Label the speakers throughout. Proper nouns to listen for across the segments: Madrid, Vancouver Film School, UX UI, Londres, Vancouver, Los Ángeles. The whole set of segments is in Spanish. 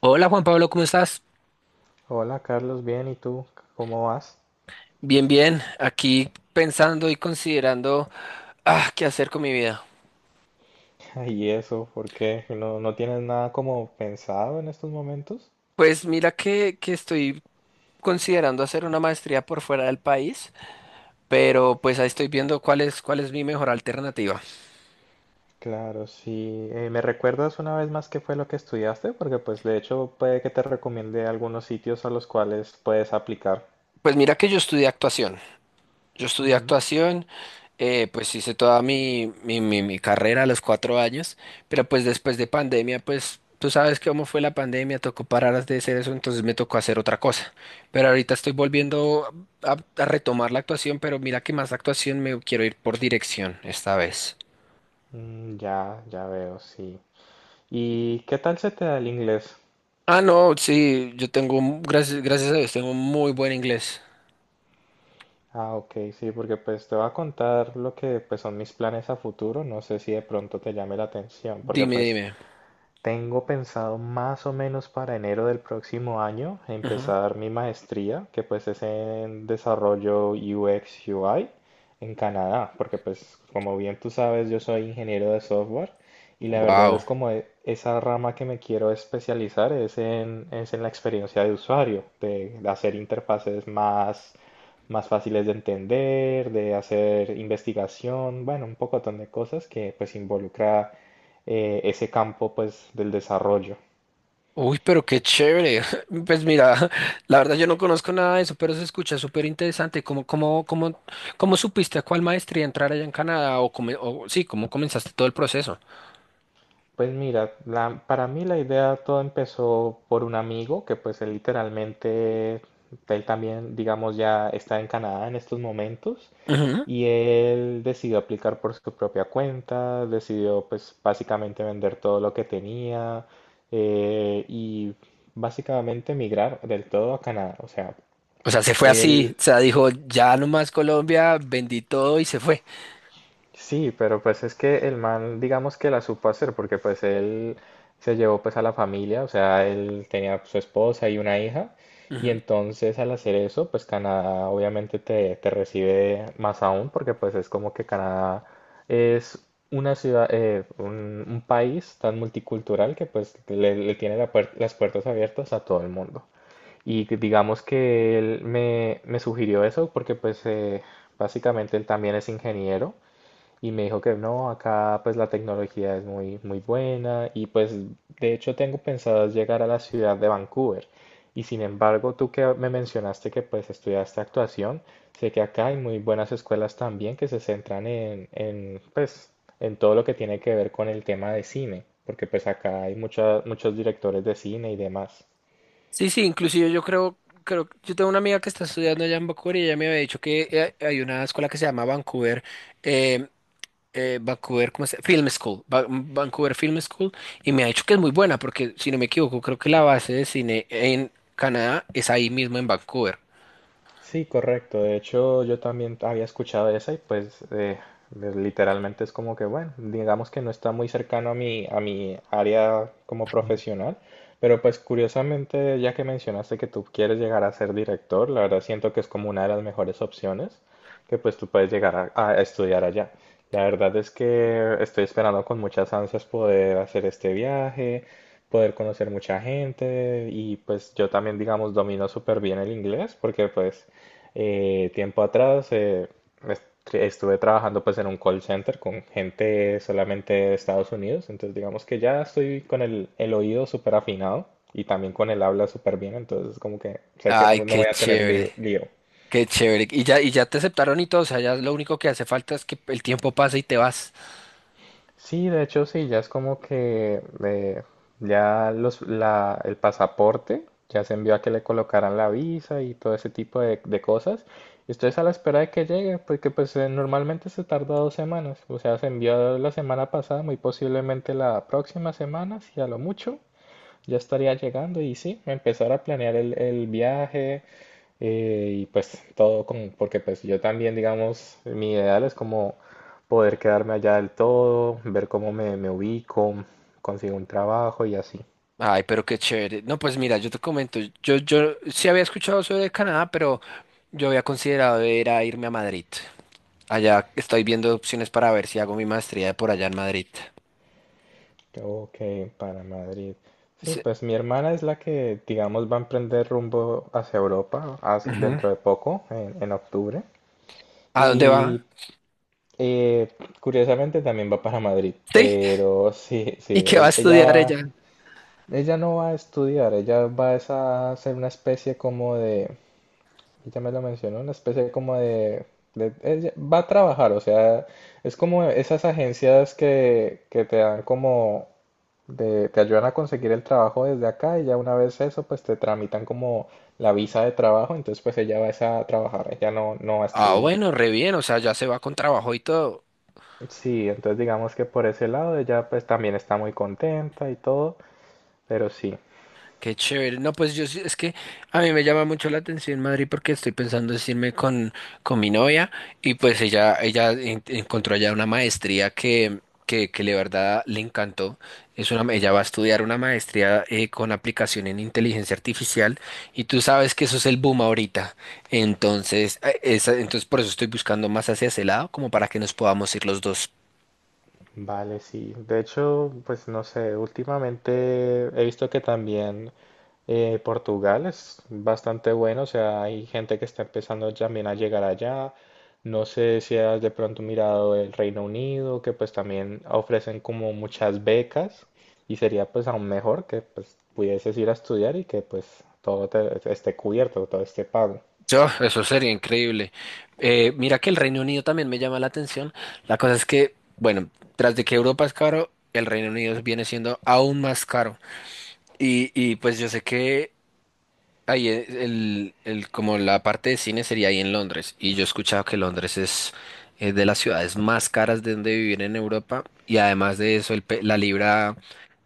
Speaker 1: Hola Juan Pablo, ¿cómo estás?
Speaker 2: Hola Carlos, bien, ¿y tú? ¿Cómo vas?
Speaker 1: Bien, bien, aquí pensando y considerando, ah, qué hacer con mi vida.
Speaker 2: ¿Y eso? ¿Por qué? ¿No tienes nada como pensado en estos momentos?
Speaker 1: Pues mira que estoy considerando hacer una maestría por fuera del país, pero pues ahí estoy viendo cuál es mi mejor alternativa.
Speaker 2: Claro, sí. ¿me recuerdas una vez más qué fue lo que estudiaste? Porque pues de hecho puede que te recomiende algunos sitios a los cuales puedes aplicar.
Speaker 1: Pues mira que yo estudié actuación. Yo estudié
Speaker 2: Ujú.
Speaker 1: actuación, pues hice toda mi carrera a los 4 años, pero pues después de pandemia, pues tú sabes cómo fue la pandemia, tocó parar de hacer eso, entonces me tocó hacer otra cosa. Pero ahorita estoy volviendo a retomar la actuación, pero mira que más actuación me quiero ir por dirección esta vez.
Speaker 2: Mm, ya veo, sí. ¿Y qué tal se te da el inglés?
Speaker 1: Ah, no, sí, yo tengo, gracias, gracias a Dios, tengo un muy buen inglés.
Speaker 2: Ah, ok, sí, porque pues te voy a contar lo que pues son mis planes a futuro, no sé si de pronto te llame la atención, porque
Speaker 1: Dime,
Speaker 2: pues
Speaker 1: dime.
Speaker 2: tengo pensado más o menos para enero del próximo año empezar mi maestría, que pues es en desarrollo UX UI en Canadá, porque pues como bien tú sabes, yo soy ingeniero de software y la verdad
Speaker 1: Wow.
Speaker 2: es como esa rama que me quiero especializar es en la experiencia de usuario, de hacer interfaces más, más fáciles de entender, de hacer investigación, bueno, un pocotón de cosas que pues involucra ese campo pues del desarrollo.
Speaker 1: Uy, pero qué chévere. Pues mira, la verdad yo no conozco nada de eso, pero se escucha súper interesante. ¿Cómo supiste a cuál maestría entrar allá en Canadá? O sí, ¿cómo comenzaste todo el proceso?
Speaker 2: Pues mira, para mí la idea todo empezó por un amigo que pues él literalmente, él también digamos ya está en Canadá en estos momentos
Speaker 1: Ujú.
Speaker 2: y él decidió aplicar por su propia cuenta, decidió pues básicamente vender todo lo que tenía y básicamente migrar del todo a Canadá. O sea,
Speaker 1: O sea, se fue así.
Speaker 2: él.
Speaker 1: O sea, dijo, ya nomás Colombia, vendí todo y se fue.
Speaker 2: Sí, pero pues es que el man, digamos que la supo hacer, porque pues él se llevó pues a la familia, o sea, él tenía pues, su esposa y una hija, y
Speaker 1: Ujú.
Speaker 2: entonces al hacer eso, pues Canadá obviamente te recibe más aún, porque pues es como que Canadá es una ciudad, un país tan multicultural que pues le tiene la las puertas abiertas a todo el mundo. Y que digamos que él me sugirió eso porque pues básicamente él también es ingeniero y me dijo que no, acá pues la tecnología es muy, muy buena y pues de hecho tengo pensado llegar a la ciudad de Vancouver. Y sin embargo, tú que me mencionaste que pues estudiaste actuación, sé que acá hay muy buenas escuelas también que se centran en pues en todo lo que tiene que ver con el tema de cine, porque pues acá hay muchos directores de cine y demás.
Speaker 1: Sí, sí, inclusive yo creo, yo tengo una amiga que está estudiando allá en Vancouver y ella me había dicho que hay una escuela que se llama eh, Vancouver, ¿cómo se llama? Film School, Vancouver Film School, y me ha dicho que es muy buena, porque si no me equivoco, creo que la base de cine en Canadá es ahí mismo en Vancouver.
Speaker 2: Sí, correcto. De hecho, yo también había escuchado esa y pues pues, literalmente es como que, bueno, digamos que no está muy cercano a mi área como profesional, pero pues curiosamente, ya que mencionaste que tú quieres llegar a ser director, la verdad siento que es como una de las mejores opciones que pues tú puedes llegar a estudiar allá. La verdad es que estoy esperando con muchas ansias poder hacer este viaje, poder conocer mucha gente y pues yo también digamos domino súper bien el inglés porque pues tiempo atrás estuve trabajando pues en un call center con gente solamente de Estados Unidos, entonces digamos que ya estoy con el oído súper afinado y también con el habla súper bien, entonces como que sé que
Speaker 1: Ay,
Speaker 2: no
Speaker 1: qué
Speaker 2: voy a tener
Speaker 1: chévere,
Speaker 2: lío.
Speaker 1: qué chévere. Y ya te aceptaron y todo, o sea, ya lo único que hace falta es que el tiempo pase y te vas.
Speaker 2: Sí, de hecho sí, ya es como que ya el pasaporte ya se envió a que le colocaran la visa y todo ese tipo de cosas. Estoy a la espera de que llegue, porque pues normalmente se tarda dos semanas. O sea, se envió la semana pasada, muy posiblemente la próxima semana, si a lo mucho ya estaría llegando y sí, empezar a planear el viaje y pues todo con, porque pues yo también, digamos, mi ideal es como poder quedarme allá del todo, ver cómo me ubico, consigo un trabajo y así.
Speaker 1: Ay, pero qué chévere. No, pues mira, yo te comento, yo sí había escuchado sobre Canadá, pero yo había considerado era irme a Madrid. Allá estoy viendo opciones para ver si hago mi maestría por allá en Madrid.
Speaker 2: Ok, para Madrid. Sí,
Speaker 1: Sí.
Speaker 2: pues mi hermana es la que, digamos, va a emprender rumbo hacia Europa
Speaker 1: Ujú.
Speaker 2: dentro de poco, en octubre.
Speaker 1: ¿A dónde
Speaker 2: Y
Speaker 1: va?
Speaker 2: eh, curiosamente también va para Madrid,
Speaker 1: Sí,
Speaker 2: pero sí,
Speaker 1: y
Speaker 2: sí,
Speaker 1: que va a
Speaker 2: ella
Speaker 1: estudiar
Speaker 2: va.
Speaker 1: ella.
Speaker 2: Ella no va a estudiar, ella va es a hacer una especie como de, ella me lo mencionó, una especie como de, ella va a trabajar, o sea, es como esas agencias que te dan como, te ayudan a conseguir el trabajo desde acá y ya una vez eso, pues te tramitan como la visa de trabajo, entonces pues ella va es a trabajar, ella no va a
Speaker 1: Ah,
Speaker 2: estudiar.
Speaker 1: bueno, re bien, o sea, ya se va con trabajo y todo.
Speaker 2: Sí, entonces digamos que por ese lado ella pues también está muy contenta y todo, pero sí.
Speaker 1: Qué chévere. No, pues yo es que a mí me llama mucho la atención Madrid porque estoy pensando en irme con mi novia y pues ella encontró allá una maestría que de verdad le encantó. Ella va a estudiar una maestría con aplicación en inteligencia artificial y tú sabes que eso es el boom ahorita. Entonces, entonces por eso estoy buscando más hacia ese lado como para que nos podamos ir los dos.
Speaker 2: Vale, sí. De hecho, pues no sé, últimamente he visto que también Portugal es bastante bueno, o sea, hay gente que está empezando también a llegar allá. No sé si has de pronto mirado el Reino Unido, que pues también ofrecen como muchas becas y sería pues aún mejor que pues pudieses ir a estudiar y que pues todo esté cubierto, todo esté pago.
Speaker 1: Oh, eso sería increíble. Mira que el Reino Unido también me llama la atención. La cosa es que, bueno, tras de que Europa es caro, el Reino Unido viene siendo aún más caro. Y pues yo sé que ahí como la parte de cine sería ahí en Londres. Y yo he escuchado que Londres es, de las ciudades más caras de donde vivir en Europa. Y además de eso, el pe-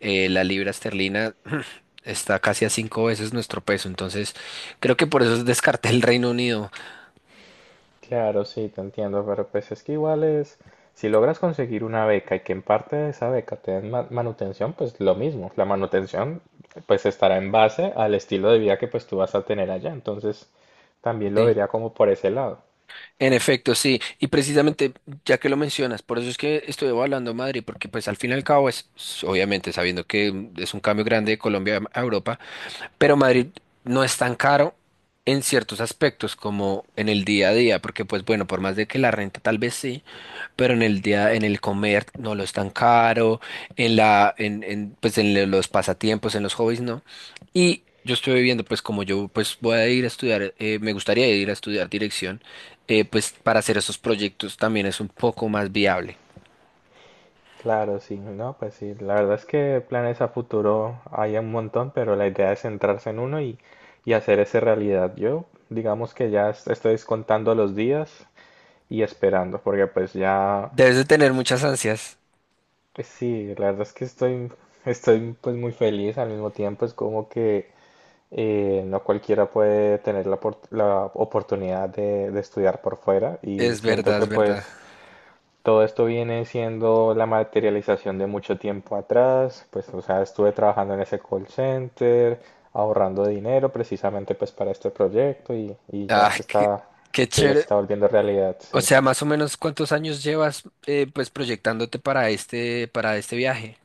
Speaker 1: la libra esterlina está casi a cinco veces nuestro peso. Entonces, creo que por eso descarté el Reino Unido.
Speaker 2: Claro, sí, te entiendo, pero pues es que igual es, si logras conseguir una beca y que en parte de esa beca te den manutención, pues lo mismo, la manutención pues estará en base al estilo de vida que pues tú vas a tener allá, entonces también lo
Speaker 1: ¿Sí?
Speaker 2: vería como por ese lado.
Speaker 1: En efecto, sí. Y precisamente, ya que lo mencionas, por eso es que estoy evaluando Madrid, porque pues al fin y al cabo es, obviamente, sabiendo que es un cambio grande de Colombia a Europa, pero Madrid no es tan caro en ciertos aspectos como en el día a día, porque pues bueno, por más de que la renta tal vez sí pero en el día, en el comer no lo es tan caro, en la, en, pues los pasatiempos, en los hobbies, no. Y yo estoy viendo, pues como yo pues voy a ir a estudiar, me gustaría ir a estudiar dirección, pues para hacer esos proyectos también es un poco más viable.
Speaker 2: Claro, sí, no, pues sí, la verdad es que planes a futuro hay un montón, pero la idea es centrarse en uno y hacer esa realidad. Yo, digamos que ya estoy contando los días y esperando, porque pues ya.
Speaker 1: Debes de tener muchas ansias,
Speaker 2: Pues sí, la verdad es que estoy, estoy pues muy feliz al mismo tiempo, es como que no cualquiera puede tener la, la oportunidad de estudiar por fuera y
Speaker 1: es
Speaker 2: siento
Speaker 1: verdad,
Speaker 2: que
Speaker 1: es verdad.
Speaker 2: pues todo esto viene siendo la materialización de mucho tiempo atrás, pues o sea, estuve trabajando en ese call center, ahorrando dinero precisamente pues para este proyecto y
Speaker 1: Ah, qué, qué
Speaker 2: ya se
Speaker 1: chévere.
Speaker 2: está volviendo realidad,
Speaker 1: O
Speaker 2: sí.
Speaker 1: sea, más o menos cuántos años llevas pues proyectándote para este viaje.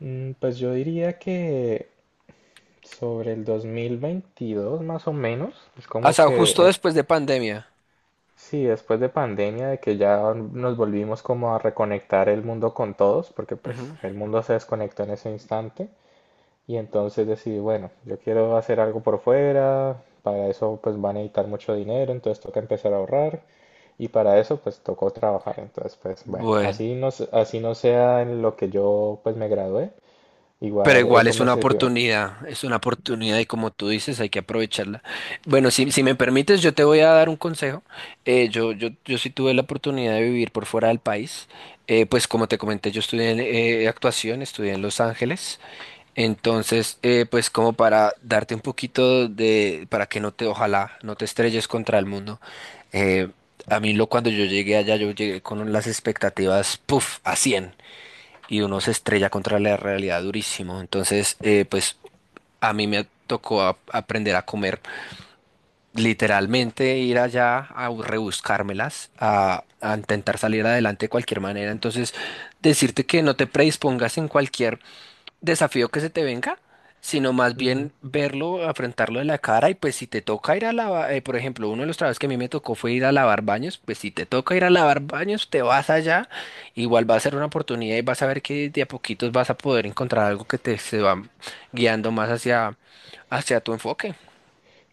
Speaker 2: Mm, pues yo diría que sobre el 2022 más o menos, es como
Speaker 1: Hasta
Speaker 2: que,
Speaker 1: justo después de pandemia.
Speaker 2: sí, después de pandemia, de que ya nos volvimos como a reconectar el mundo con todos, porque pues
Speaker 1: Ujú.
Speaker 2: el mundo se desconectó en ese instante, y entonces decidí, bueno, yo quiero hacer algo por fuera, para eso pues van a necesitar mucho dinero, entonces toca empezar a ahorrar, y para eso pues tocó trabajar, entonces pues bueno,
Speaker 1: Bueno.
Speaker 2: así no, así no sea en lo que yo pues me gradué,
Speaker 1: Pero
Speaker 2: igual
Speaker 1: igual
Speaker 2: eso me sirvió.
Speaker 1: es una oportunidad y como tú dices, hay que aprovecharla. Bueno, si me permites, yo te voy a dar un consejo. Yo sí tuve la oportunidad de vivir por fuera del país. Pues como te comenté, yo estudié actuación, estudié en Los Ángeles. Entonces, pues como para darte un poquito de, para que no te, ojalá, no te estrelles contra el mundo. eh, cuando yo llegué allá, yo llegué con las expectativas, puff, a 100 y uno se estrella contra la realidad durísimo. Entonces, pues a mí me tocó aprender a comer, literalmente ir allá a rebuscármelas, a intentar salir adelante de cualquier manera. Entonces, decirte que no te predispongas en cualquier desafío que se te venga, sino más bien verlo, afrontarlo de la cara y pues si te toca ir a lavar, por ejemplo, uno de los trabajos que a mí me tocó fue ir a lavar baños, pues si te toca ir a lavar baños, te vas allá, igual va a ser una oportunidad y vas a ver que de a poquitos vas a poder encontrar algo que te se va guiando más hacia tu enfoque.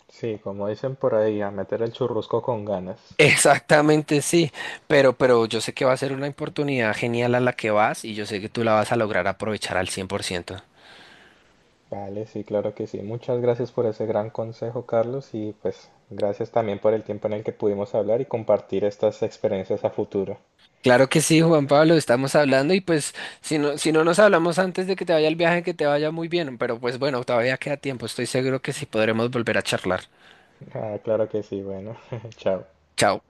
Speaker 2: Sí, como dicen por ahí, a meter el churrusco con ganas.
Speaker 1: Exactamente, sí, pero yo sé que va a ser una oportunidad genial a la que vas y yo sé que tú la vas a lograr aprovechar al 100%.
Speaker 2: Vale, sí, claro que sí. Muchas gracias por ese gran consejo, Carlos, y pues gracias también por el tiempo en el que pudimos hablar y compartir estas experiencias a futuro.
Speaker 1: Claro que sí, Juan Pablo, estamos hablando y pues si no, si no nos hablamos antes de que te vaya el viaje, que te vaya muy bien, pero pues bueno, todavía queda tiempo, estoy seguro que sí podremos volver a charlar.
Speaker 2: Ah, claro que sí, bueno, chao.
Speaker 1: Chao.